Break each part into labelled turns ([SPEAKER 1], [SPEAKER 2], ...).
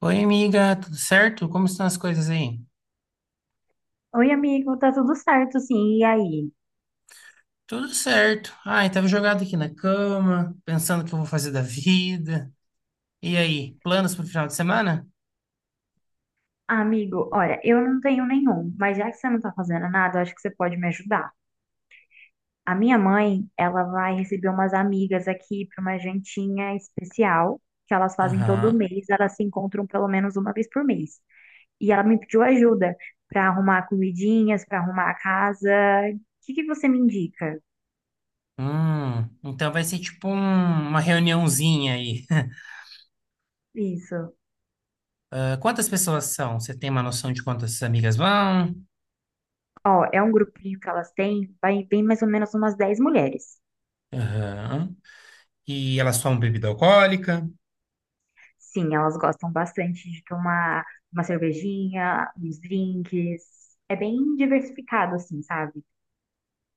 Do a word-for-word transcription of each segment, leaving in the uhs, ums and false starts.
[SPEAKER 1] Oi, amiga, tudo certo? Como estão as coisas aí?
[SPEAKER 2] Oi, amigo, tá tudo certo, sim. E aí?
[SPEAKER 1] Tudo certo. Ai, tava jogado aqui na cama, pensando o que eu vou fazer da vida. E aí, planos pro final de semana?
[SPEAKER 2] Ah, amigo, olha, eu não tenho nenhum, mas já que você não tá fazendo nada, eu acho que você pode me ajudar. A minha mãe, ela vai receber umas amigas aqui para uma jantinha especial, que elas fazem todo
[SPEAKER 1] Aham.
[SPEAKER 2] mês, elas se encontram pelo menos uma vez por mês. E ela me pediu ajuda para arrumar comidinhas, para arrumar a casa. O que que você me indica?
[SPEAKER 1] Hum, então vai ser tipo um- uma reuniãozinha aí.
[SPEAKER 2] Isso.
[SPEAKER 1] Ah, quantas pessoas são? Você tem uma noção de quantas amigas vão?
[SPEAKER 2] Ó, é um grupinho que elas têm, vai bem mais ou menos umas dez mulheres.
[SPEAKER 1] Aham. E elas tomam bebida alcoólica?
[SPEAKER 2] Sim, elas gostam bastante de tomar uma cervejinha, uns drinks. É bem diversificado, assim, sabe?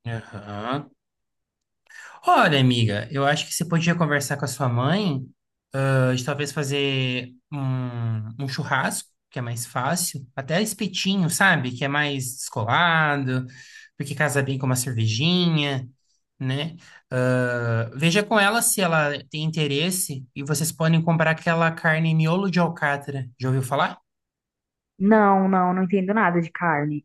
[SPEAKER 1] Aham. Olha, amiga, eu acho que você podia conversar com a sua mãe de talvez fazer um, um churrasco, que é mais fácil, até espetinho, sabe? Que é mais descolado, porque casa bem com uma cervejinha, né? Ah, veja com ela se ela tem interesse e vocês podem comprar aquela carne miolo de alcatra. Já ouviu falar?
[SPEAKER 2] Não, não, não entendo nada de carne.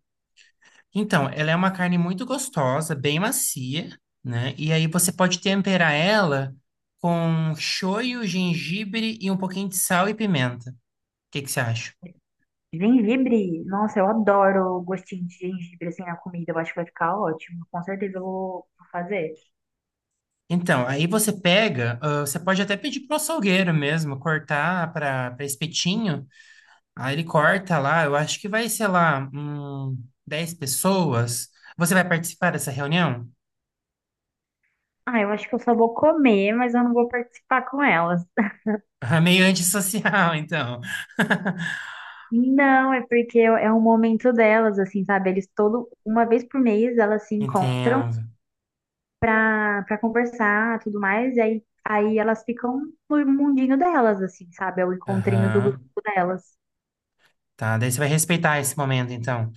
[SPEAKER 1] Então, ela é uma carne muito gostosa, bem macia, né? E aí você pode temperar ela com shoyu, gengibre e um pouquinho de sal e pimenta. O que que você acha?
[SPEAKER 2] Gengibre, nossa, eu adoro o gostinho de gengibre, assim, na comida. Eu acho que vai ficar ótimo. Com certeza eu vou vou fazer.
[SPEAKER 1] Então, aí você pega, ah, você pode até pedir pro açougueiro mesmo cortar para para espetinho. Aí ele corta lá, eu acho que vai, sei lá, hum, dez pessoas. Você vai participar dessa reunião?
[SPEAKER 2] Ah, eu acho que eu só vou comer, mas eu não vou participar com elas.
[SPEAKER 1] Ah, meio antissocial, então.
[SPEAKER 2] Não, é porque é um momento delas, assim, sabe? Eles todo, uma vez por mês elas se encontram
[SPEAKER 1] Entendo.
[SPEAKER 2] pra, pra conversar, tudo mais, e aí, aí elas ficam no mundinho delas, assim, sabe? É o encontrinho do grupo
[SPEAKER 1] Aham.
[SPEAKER 2] delas.
[SPEAKER 1] Tá, daí você vai respeitar esse momento, então.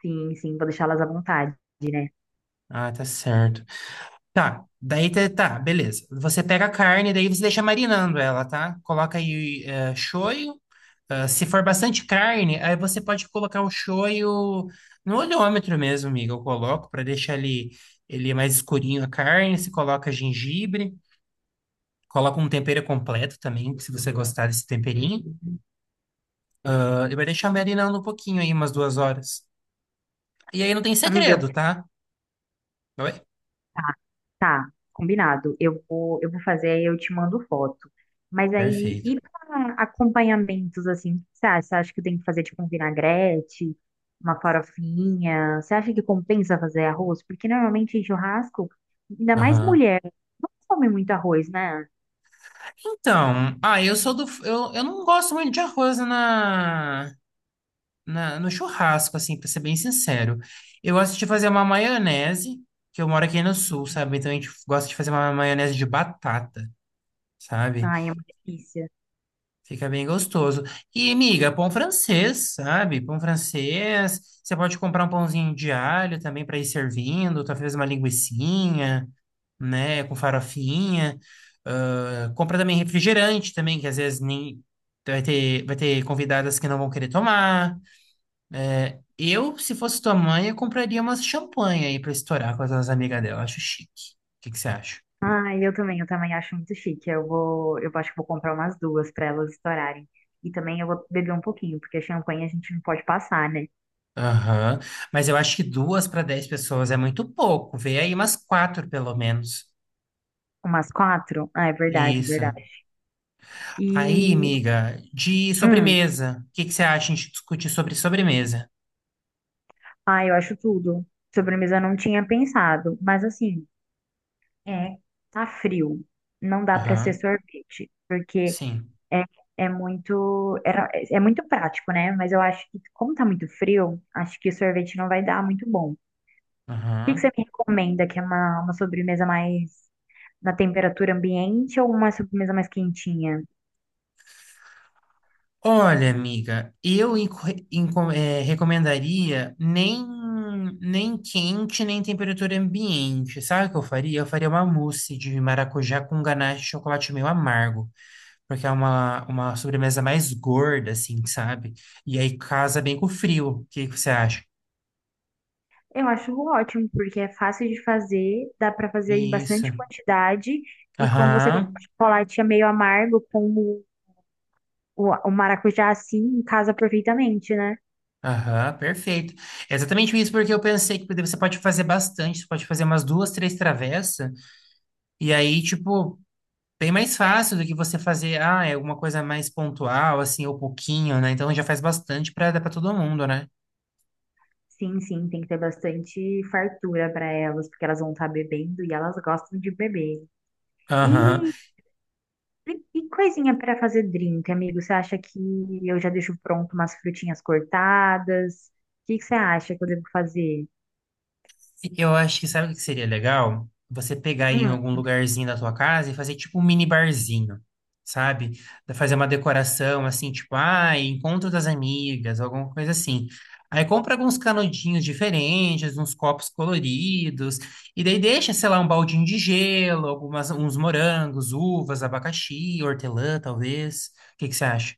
[SPEAKER 2] Sim, sim, vou deixá-las à vontade, né?
[SPEAKER 1] Ah, tá certo. Tá, daí tá, tá, beleza. Você pega a carne, daí você deixa marinando ela, tá? Coloca aí eh, shoyu. Ah, se for bastante carne, aí você pode colocar o shoyu no oleômetro mesmo, amiga. Eu coloco para deixar ele, ele mais escurinho a carne. Se coloca gengibre, coloca um tempero completo também, se você gostar desse temperinho. Ah, ele vai deixar marinando um pouquinho aí, umas duas horas. E aí não tem
[SPEAKER 2] Amiga, eu-
[SPEAKER 1] segredo, tá? Oi?
[SPEAKER 2] tá, tá, combinado. Eu vou, eu vou fazer, aí eu te mando foto. Mas aí,
[SPEAKER 1] Perfeito.
[SPEAKER 2] e pra acompanhamentos, assim, o que você acha? Você acha que tem que fazer, tipo, um vinagrete, uma farofinha? Você acha que compensa fazer arroz? Porque normalmente em churrasco, ainda mais mulher, não come muito arroz, né?
[SPEAKER 1] Então, ah, eu sou do. Eu, eu não gosto muito de arroz na, na, no churrasco, assim, pra ser bem sincero. Eu gosto de fazer uma maionese, que eu moro aqui no sul, sabe? Então a gente gosta de fazer uma maionese de batata, sabe?
[SPEAKER 2] Ai, é uma delícia.
[SPEAKER 1] Fica bem gostoso. E, amiga, pão francês, sabe? Pão francês. Você pode comprar um pãozinho de alho também para ir servindo, talvez uma linguiçinha, né? Com farofinha. Ah, compra também refrigerante também, que às vezes nem vai ter, vai ter convidadas que não vão querer tomar. Eu, se fosse tua mãe, eu compraria umas champanhe aí pra estourar com as as amigas dela. Acho chique. O que que você acha?
[SPEAKER 2] Ah, eu também, eu também acho muito chique. Eu vou, eu acho que vou comprar umas duas para elas estourarem. E também eu vou beber um pouquinho, porque champanhe a gente não pode passar, né?
[SPEAKER 1] Aham. Mas eu acho que duas para dez pessoas é muito pouco. Vê aí umas quatro, pelo menos.
[SPEAKER 2] Umas quatro? Ah, é verdade,
[SPEAKER 1] Isso.
[SPEAKER 2] verdade.
[SPEAKER 1] Aí,
[SPEAKER 2] E,
[SPEAKER 1] amiga, de
[SPEAKER 2] hum,
[SPEAKER 1] sobremesa. O que que você acha a gente discutir sobre sobremesa?
[SPEAKER 2] ah, eu acho tudo. Sobremesa eu não tinha pensado, mas assim, é, tá frio. Não dá para ser
[SPEAKER 1] Aham.
[SPEAKER 2] sorvete, porque
[SPEAKER 1] Sim.
[SPEAKER 2] é, é muito, era- é é muito prático, né? Mas eu acho que como tá muito frio, acho que sorvete não vai dar muito bom. que que você
[SPEAKER 1] Aham.
[SPEAKER 2] me recomenda? Que é uma, uma sobremesa mais na temperatura ambiente ou uma sobremesa mais quentinha?
[SPEAKER 1] Olha, amiga, eu enco- enco- eh, recomendaria nem, nem quente, nem temperatura ambiente. Sabe o que eu faria? Eu faria uma mousse de maracujá com ganache de chocolate meio amargo, porque é uma, uma sobremesa mais gorda, assim, sabe? E aí casa bem com o frio. O que que você acha?
[SPEAKER 2] Eu acho ótimo, porque é fácil de fazer, dá pra fazer em bastante
[SPEAKER 1] Isso.
[SPEAKER 2] quantidade, e como você coloca
[SPEAKER 1] Aham.
[SPEAKER 2] o chocolate é meio amargo, como o, o maracujá assim, casa perfeitamente, né?
[SPEAKER 1] Aham, perfeito. É exatamente isso, porque eu pensei que você pode fazer bastante, você pode fazer umas duas, três travessas, e aí, tipo, bem mais fácil do que você fazer, ah, é alguma coisa mais pontual, assim, ou pouquinho, né? Então já faz bastante pra dar pra todo mundo, né?
[SPEAKER 2] Sim, sim, tem que ter bastante fartura para elas, porque elas vão estar bebendo e elas gostam de beber.
[SPEAKER 1] Aham.
[SPEAKER 2] E E, e coisinha para fazer drink, amigo? Você acha que eu já deixo pronto umas frutinhas cortadas? O que que você acha que eu devo fazer?
[SPEAKER 1] Eu acho que sabe o que seria legal? Você pegar em
[SPEAKER 2] Hum,
[SPEAKER 1] algum lugarzinho da tua casa e fazer tipo um mini barzinho, sabe? Fazer uma decoração assim, tipo, ah, encontro das amigas, alguma coisa assim. Aí compra alguns canudinhos diferentes, uns copos coloridos, e daí deixa, sei lá, um baldinho de gelo, algumas, uns morangos, uvas, abacaxi, hortelã, talvez. O que que você acha?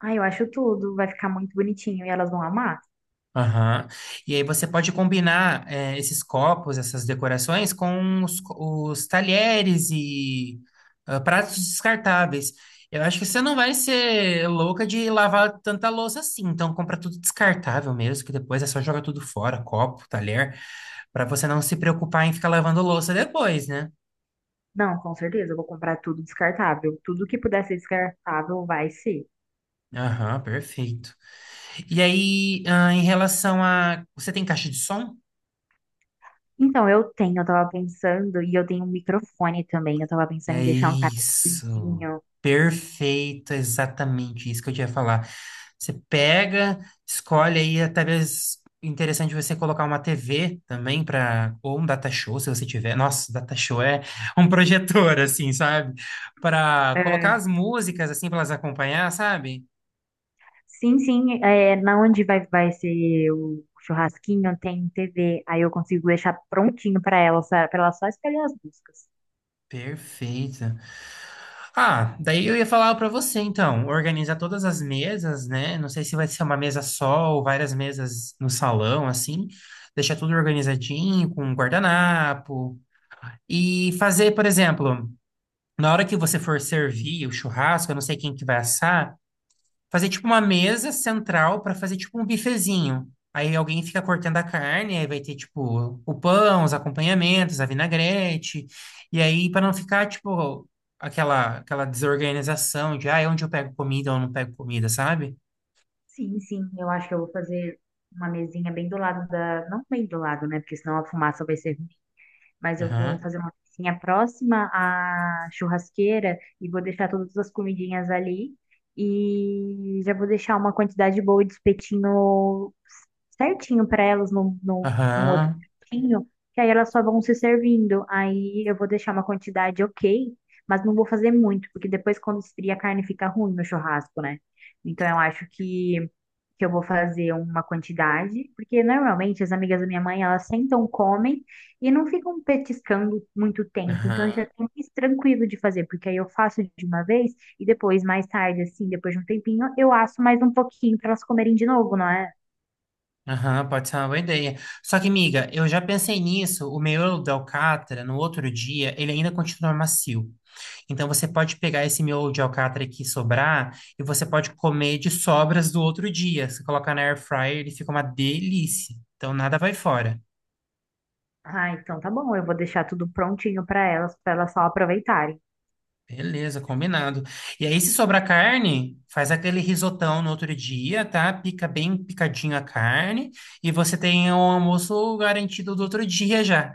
[SPEAKER 2] ah, eu acho tudo. Vai ficar muito bonitinho e elas vão amar?
[SPEAKER 1] Aham. E aí você pode combinar eh, esses copos, essas decorações com os, co- os talheres e ah, pratos descartáveis. Eu acho que você não vai ser louca de lavar tanta louça assim, então compra tudo descartável mesmo, que depois é só jogar tudo fora, copo, talher, para você não se preocupar em ficar lavando louça depois, né?
[SPEAKER 2] Não, com certeza. Eu vou comprar tudo descartável. Tudo que puder ser descartável vai ser.
[SPEAKER 1] Aham, perfeito. E aí, ah, em relação a. Você tem caixa de som?
[SPEAKER 2] Então, eu tenho, eu tava pensando, e eu tenho um microfone também. Eu tava pensando em
[SPEAKER 1] É
[SPEAKER 2] deixar um
[SPEAKER 1] isso.
[SPEAKER 2] catezinho.
[SPEAKER 1] Perfeito, exatamente isso que eu tinha falar. Você pega, escolhe aí, talvez interessante você colocar uma T V também para ou um data show, se você tiver. Nossa, data show é um projetor assim, sabe? Para colocar as músicas assim para elas acompanhar, sabe?
[SPEAKER 2] Sim, sim, é, na onde vai, vai ser o churrasquinho tem T V, aí eu consigo deixar prontinho para ela, para ela só escolher as buscas.
[SPEAKER 1] Perfeito. Ah, daí eu ia falar para você, então, organizar todas as mesas, né? Não sei se vai ser uma mesa só ou várias mesas no salão, assim. Deixar tudo organizadinho, com um guardanapo. E fazer, por exemplo, na hora que você for servir o churrasco, eu não sei quem que vai assar, fazer tipo uma mesa central para fazer tipo um bifezinho. Aí alguém fica cortando a carne, aí vai ter tipo o pão, os acompanhamentos, a vinagrete. E aí para não ficar tipo aquela aquela desorganização de, ah, onde eu pego comida ou não pego comida, sabe?
[SPEAKER 2] Sim, sim, eu acho que eu vou fazer uma mesinha bem do lado da, não bem do lado, né? Porque senão a fumaça vai ser, mas eu vou
[SPEAKER 1] Aham.
[SPEAKER 2] fazer uma cozinha próxima à churrasqueira e vou deixar todas as comidinhas ali. E já vou deixar uma quantidade boa de espetinho certinho para elas num, num, num outro
[SPEAKER 1] Aham.
[SPEAKER 2] cantinho, que aí elas só vão se servindo. Aí eu vou deixar uma quantidade ok, mas não vou fazer muito, porque depois quando esfria a carne fica ruim no churrasco, né? Então eu acho que que eu vou fazer uma quantidade, porque normalmente as amigas da minha mãe, elas sentam, comem e não ficam petiscando muito tempo. Então isso é
[SPEAKER 1] Aham.
[SPEAKER 2] até mais tranquilo de fazer, porque aí eu faço de uma vez e depois, mais tarde, assim, depois de um tempinho, eu asso mais um pouquinho para elas comerem de novo, não é?
[SPEAKER 1] Aham, pode ser uma boa ideia. Só que, amiga, eu já pensei nisso. O miolo da alcatra, no outro dia, ele ainda continua macio. Então você pode pegar esse miolo de alcatra que sobrar e você pode comer de sobras do outro dia. Você coloca na air fryer, ele fica uma delícia. Então nada vai fora.
[SPEAKER 2] Ah, então tá bom, eu vou deixar tudo prontinho para elas, para elas só aproveitarem.
[SPEAKER 1] Beleza, combinado. E aí, se sobrar carne, faz aquele risotão no outro dia, tá? Pica bem picadinho a carne e você tem o almoço garantido do outro dia já.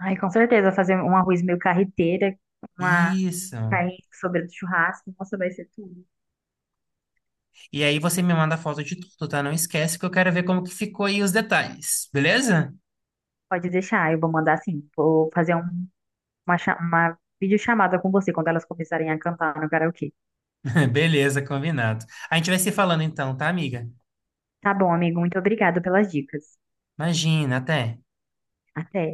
[SPEAKER 2] Ai, com certeza, fazer um arroz meio carreteira, uma
[SPEAKER 1] Isso.
[SPEAKER 2] carne sobre do churrasco, nossa, vai ser tudo.
[SPEAKER 1] E aí você me manda foto de tudo, tá? Não esquece que eu quero ver como que ficou aí os detalhes, beleza?
[SPEAKER 2] Pode deixar, eu vou mandar assim, vou fazer um uma, cha- uma videochamada com você quando elas começarem a cantar no karaokê.
[SPEAKER 1] Beleza, combinado. A gente vai se falando então, tá, amiga?
[SPEAKER 2] Tá bom, amigo, muito obrigado pelas dicas.
[SPEAKER 1] Imagina, até.
[SPEAKER 2] Até.